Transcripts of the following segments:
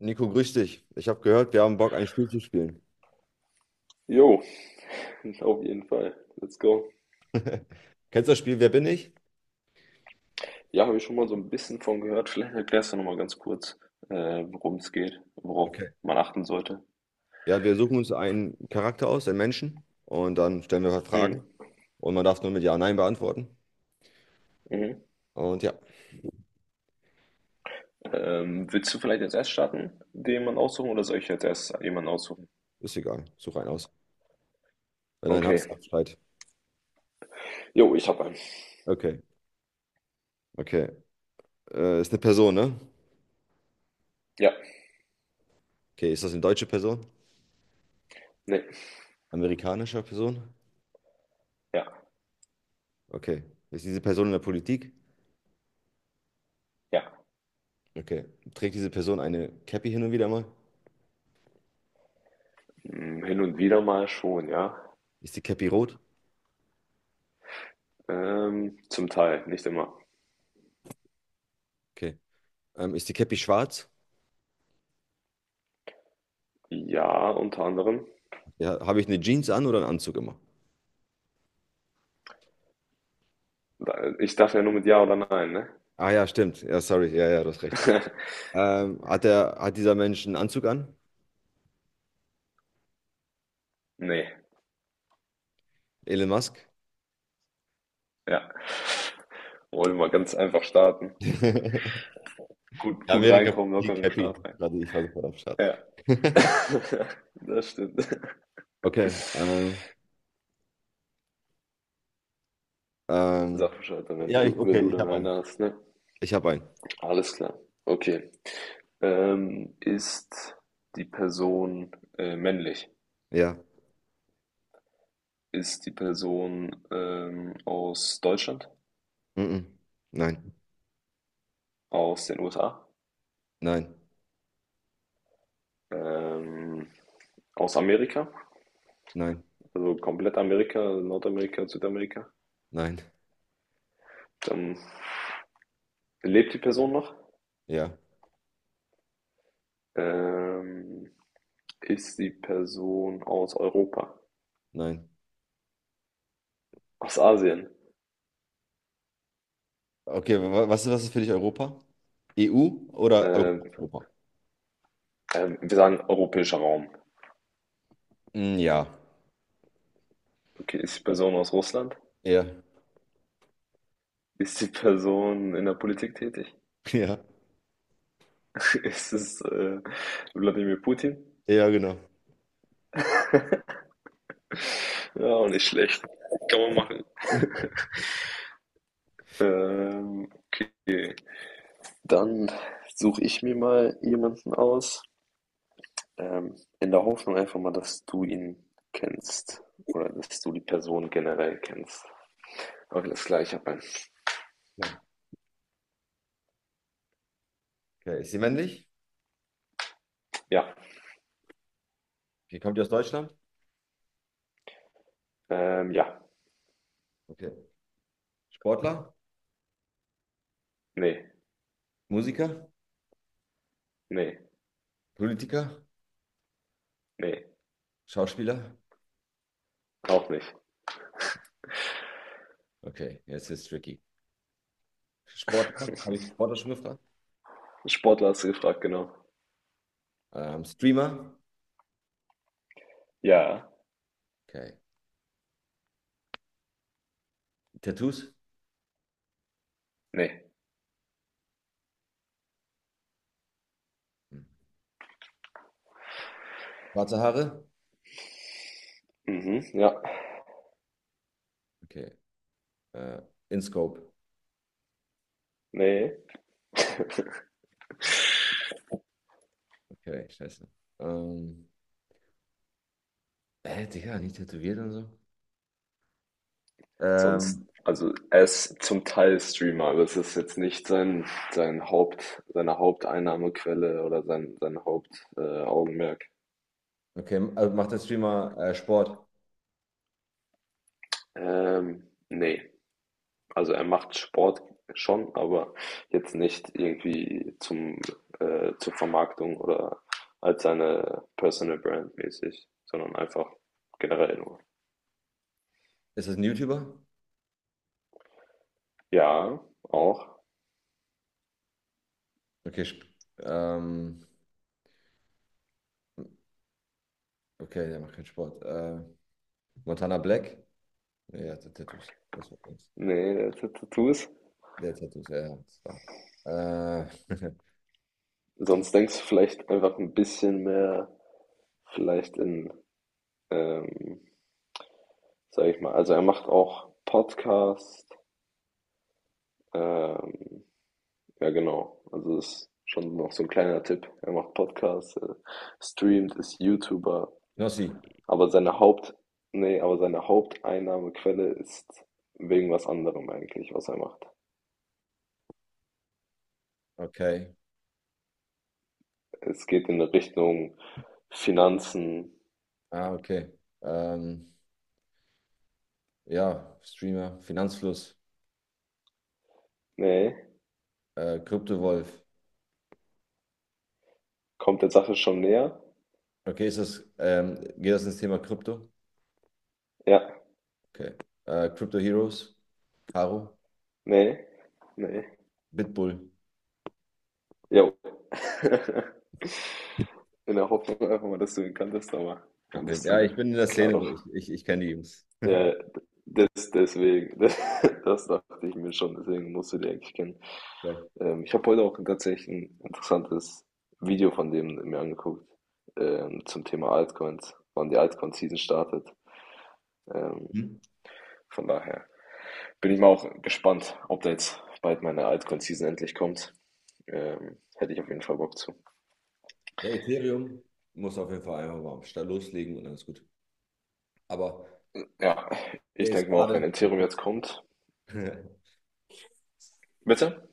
Nico, grüß dich. Ich habe gehört, wir haben Bock, ein Spiel zu spielen. Jo, auf jeden Fall. Let's go. Kennst du das Spiel Wer bin ich? Ja, habe ich schon mal so ein bisschen von gehört. Vielleicht erklärst du nochmal ganz kurz, worum es geht, worauf Okay. man achten sollte. Ja, wir suchen uns einen Charakter aus, einen Menschen, und dann stellen wir Mhm. Fragen. Und man darf nur mit Ja, Nein beantworten. Mhm. Und ja, Willst du vielleicht als erst starten, den man aussuchen, oder soll ich als erst jemanden aussuchen? ist egal. Such einen aus. Wenn du einen Okay. hast, sag Bescheid. Jo, ich habe einen. Okay, okay. Ist eine Person, ne? Ja, Okay, ist das eine deutsche Person? nee, Amerikanische Person? ja, Okay. Ist diese Person in der Politik? ja. Okay. Trägt diese Person eine Cappy hin und wieder mal? Hin und wieder mal schon, ja. Ist die Cappy rot? Zum Teil, nicht immer. Okay. Ist die Cappy schwarz? Ja, unter anderem. Ja, habe ich eine Jeans an oder einen Anzug immer? Ich darf ja nur mit Ja oder Nein, ne? Ah ja, stimmt. Ja, sorry. Ja, ja, du hast recht. Hat dieser Mensch einen Anzug an? Nee. Elon Musk? Ja. Wollen wir ganz einfach starten. Gut, gut reinkommen, locker in Amerika-Politik, den happy. Start rein. Gerade ich war sofort am Start. Ja. Das stimmt. Okay. Ähm, Sag Bescheid, wenn ja, du, wenn okay, du ich dann habe einen. eine hast, ne? Ich habe einen. Alles klar. Okay. Ist die Person männlich? Ja. Ist die Person aus Deutschland? Mhm. Nein, Aus den USA? nein, Ähm, Aus Amerika? nein, Also komplett Amerika, Nordamerika, Südamerika? nein. Dann lebt die Person noch? Ja, Ähm, Ist die Person aus Europa? nein. Aus Asien? Okay, was, was ist für dich Europa? EU oder Europa? Ähm, Europa? Wir sagen europäischer Raum. Mm, ja. Okay, ist die Person aus Russland? Ja. Ist die Person in der Politik tätig? Ja. Ist es Wladimir Putin? Ja, genau. Ja, auch nicht schlecht. Kann man machen. Ähm, okay. Dann suche ich mir mal jemanden aus, ähm, in der Hoffnung einfach mal, dass du ihn kennst oder dass du die Person generell kennst. Okay, das gleiche. Nee. Okay, ist sie männlich? Ja, Okay, kommt die aus Deutschland? Ja. Okay. Sportler, Ne, Musiker, ne, Politiker, ne, Schauspieler. auch nicht. Okay, jetzt ist es tricky. Sportler, habe ich Sportler schon gefragt? Sportler hast du gefragt, genau. Streamer. Ja, Okay. Tattoos. ne. Hm. Schwarze Haare. Mhm, ja, Okay. Äh, InScope. ne. Okay, scheiße. Ähm, Digga, nicht tätowiert und so. Sonst, Ähm, also er ist zum Teil Streamer, aber es ist jetzt nicht seine Haupteinnahmequelle oder sein Hauptaugenmerk. Augenmerk. okay, also macht der Streamer Sport? Nee. Also er macht Sport schon, aber jetzt nicht irgendwie zur Vermarktung oder als seine Personal Brand mäßig, sondern einfach generell nur. Ist das ein YouTuber? Ja, auch. Okay, ähm, okay, der macht keinen Sport. Montana Black? Ja, der hat Tattoos. Das war's. Ne, der hatte Tattoos. Der Tattoos, ja. Ja, das war, äh, Sonst denkst du vielleicht einfach ein bisschen mehr vielleicht ähm, sage ich mal also, er macht auch Podcast, ähm ja genau, also, das ist schon noch so ein kleiner Tipp. Er macht Podcasts, streamt, ist YouTuber, Knossi, aber seine Haupteinnahmequelle ist wegen was anderem eigentlich, was er macht. okay. Es geht in Richtung Finanzen. Ah, okay. Ähm, ja, Streamer, Finanzfluss, Ne? Kryptowolf. Kommt der Sache schon näher? Okay, ist das, geht das ins Thema Krypto? Ja. Okay. Crypto Heroes, Caro, Ne? Ne. Bitbull. Jo. In der Hoffnung einfach mal, dass du ihn kanntest, aber Okay. kanntest du Ja, nicht. ich bin in der Klar Szene, so doch. Ich kenne die Jungs. Ja, das, deswegen, das dachte ich mir schon, deswegen musst du die eigentlich kennen. Geil. Ich habe heute auch tatsächlich ein interessantes Video von dem mir angeguckt, zum Thema Altcoins, wann die Altcoin-Season startet. Ähm, Hm? von daher bin ich mal auch gespannt, ob da jetzt bald meine Altcoin-Season endlich kommt. Hätte ich auf jeden Fall Bock zu. Der Ethereum muss auf jeden Fall einfach mal am Start loslegen und alles gut. Aber Ja, der ich ist denke mal auch, gerade. wenn Ethereum jetzt kommt. Bitte?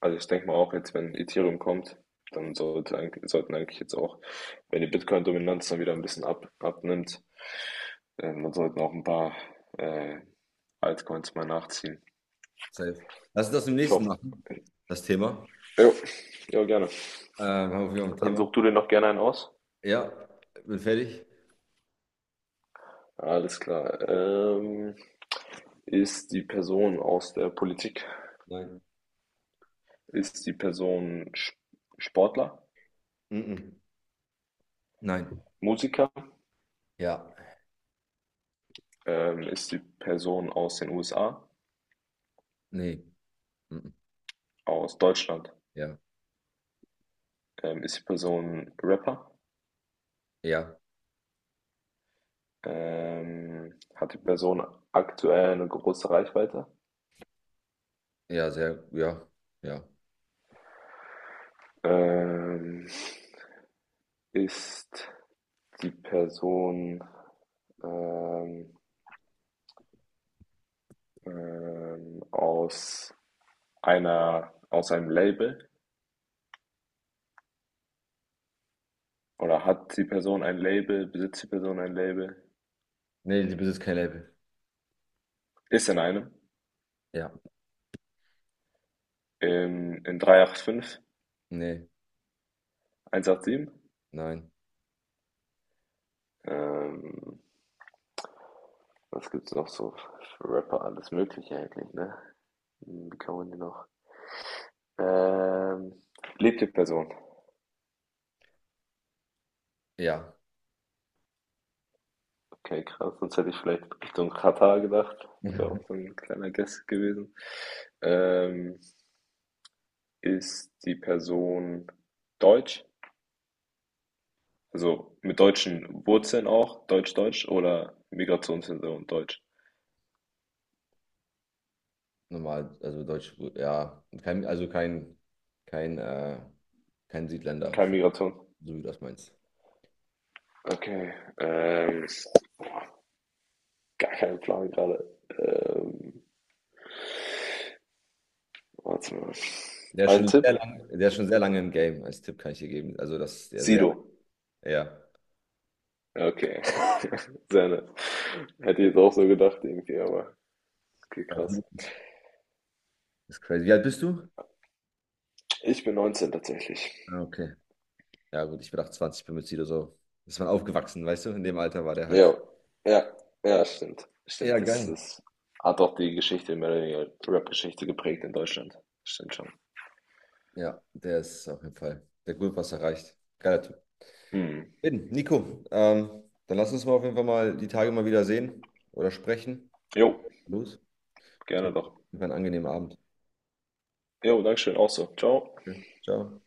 Also ich denke mal auch jetzt, wenn Ethereum kommt, dann sollten eigentlich jetzt auch, wenn die Bitcoin-Dominanz dann wieder ein bisschen abnimmt, dann sollten auch ein paar äh, Altcoins mal nachziehen. Safe. Lass uns das im Ich nächsten hoffe. machen, das Thema. Jo, jo, gerne. Haben wir ein Dann Thema? such du dir noch gerne einen aus. Ja, bin fertig. Alles klar. Ist die Person aus der Politik? Nein. Ist die Person Sportler? Mhm. Nein. Musiker? Ja. Ist die Person aus den USA? Nee. Mhm. Aus Deutschland? Ja. Ist die Person Rapper? Ja. Hat die Person aktuell eine große Reichweite? Ja, sehr. Ja. Ja. Ähm, Ist die Person ähm, ähm, aus aus einem Label? Oder hat die Person ein Label? Besitzt die Person ein Label? Nee, die besitzt kein Label. Ist in einem. Ja. In 385, Nee. 187. Nein. Ähm, Was gibt's noch so für Rapper? Alles Mögliche eigentlich, ne? Wie kann man die noch? Ähm, Lebte Person. Ja. Okay, krass. Sonst hätte ich vielleicht Richtung Katar gedacht. Wäre auch so ein kleiner Guess gewesen. Ähm, Ist die Person deutsch? Also mit deutschen Wurzeln auch? Deutsch-Deutsch oder Migrationshintergrund deutsch? Normal, also Deutsch, ja. Kein, also kein, kein, kein Südländer, Keine so Migration. wie du das meinst. Okay. Ähm, Gar keinen Plan gerade. Warte mal. Ein Tipp. Der ist schon sehr lange im Game. Als Tipp kann ich dir geben. Also, das ist der sehr, Sido. ja. Okay. Sehr nett. Hätte ich jetzt auch so gedacht irgendwie, aber okay, Ja, krass. das ist crazy. Wie alt bist du? Ich bin 19 tatsächlich. Ah, okay. Ja, gut, ich bin 28, bin mit Sido so. Ist man aufgewachsen, weißt du? In dem Alter war der halt. Ja, ja, ja, stimmt. Ja, Stimmt, das geil. ist, hat auch die Geschichte, mehr oder weniger Rap-Geschichte geprägt in Deutschland. Stimmt schon. Ja, der ist auf jeden Fall. Der hat gut was erreicht. Geiler Typ. Hm. Bin, Nico, dann lass uns mal auf jeden Fall mal die Tage mal wieder sehen oder sprechen. Jo, Los. gerne Wünsche doch. dir einen angenehmen Abend. Jo, Dankeschön, auch so. Ciao. Okay. Ciao.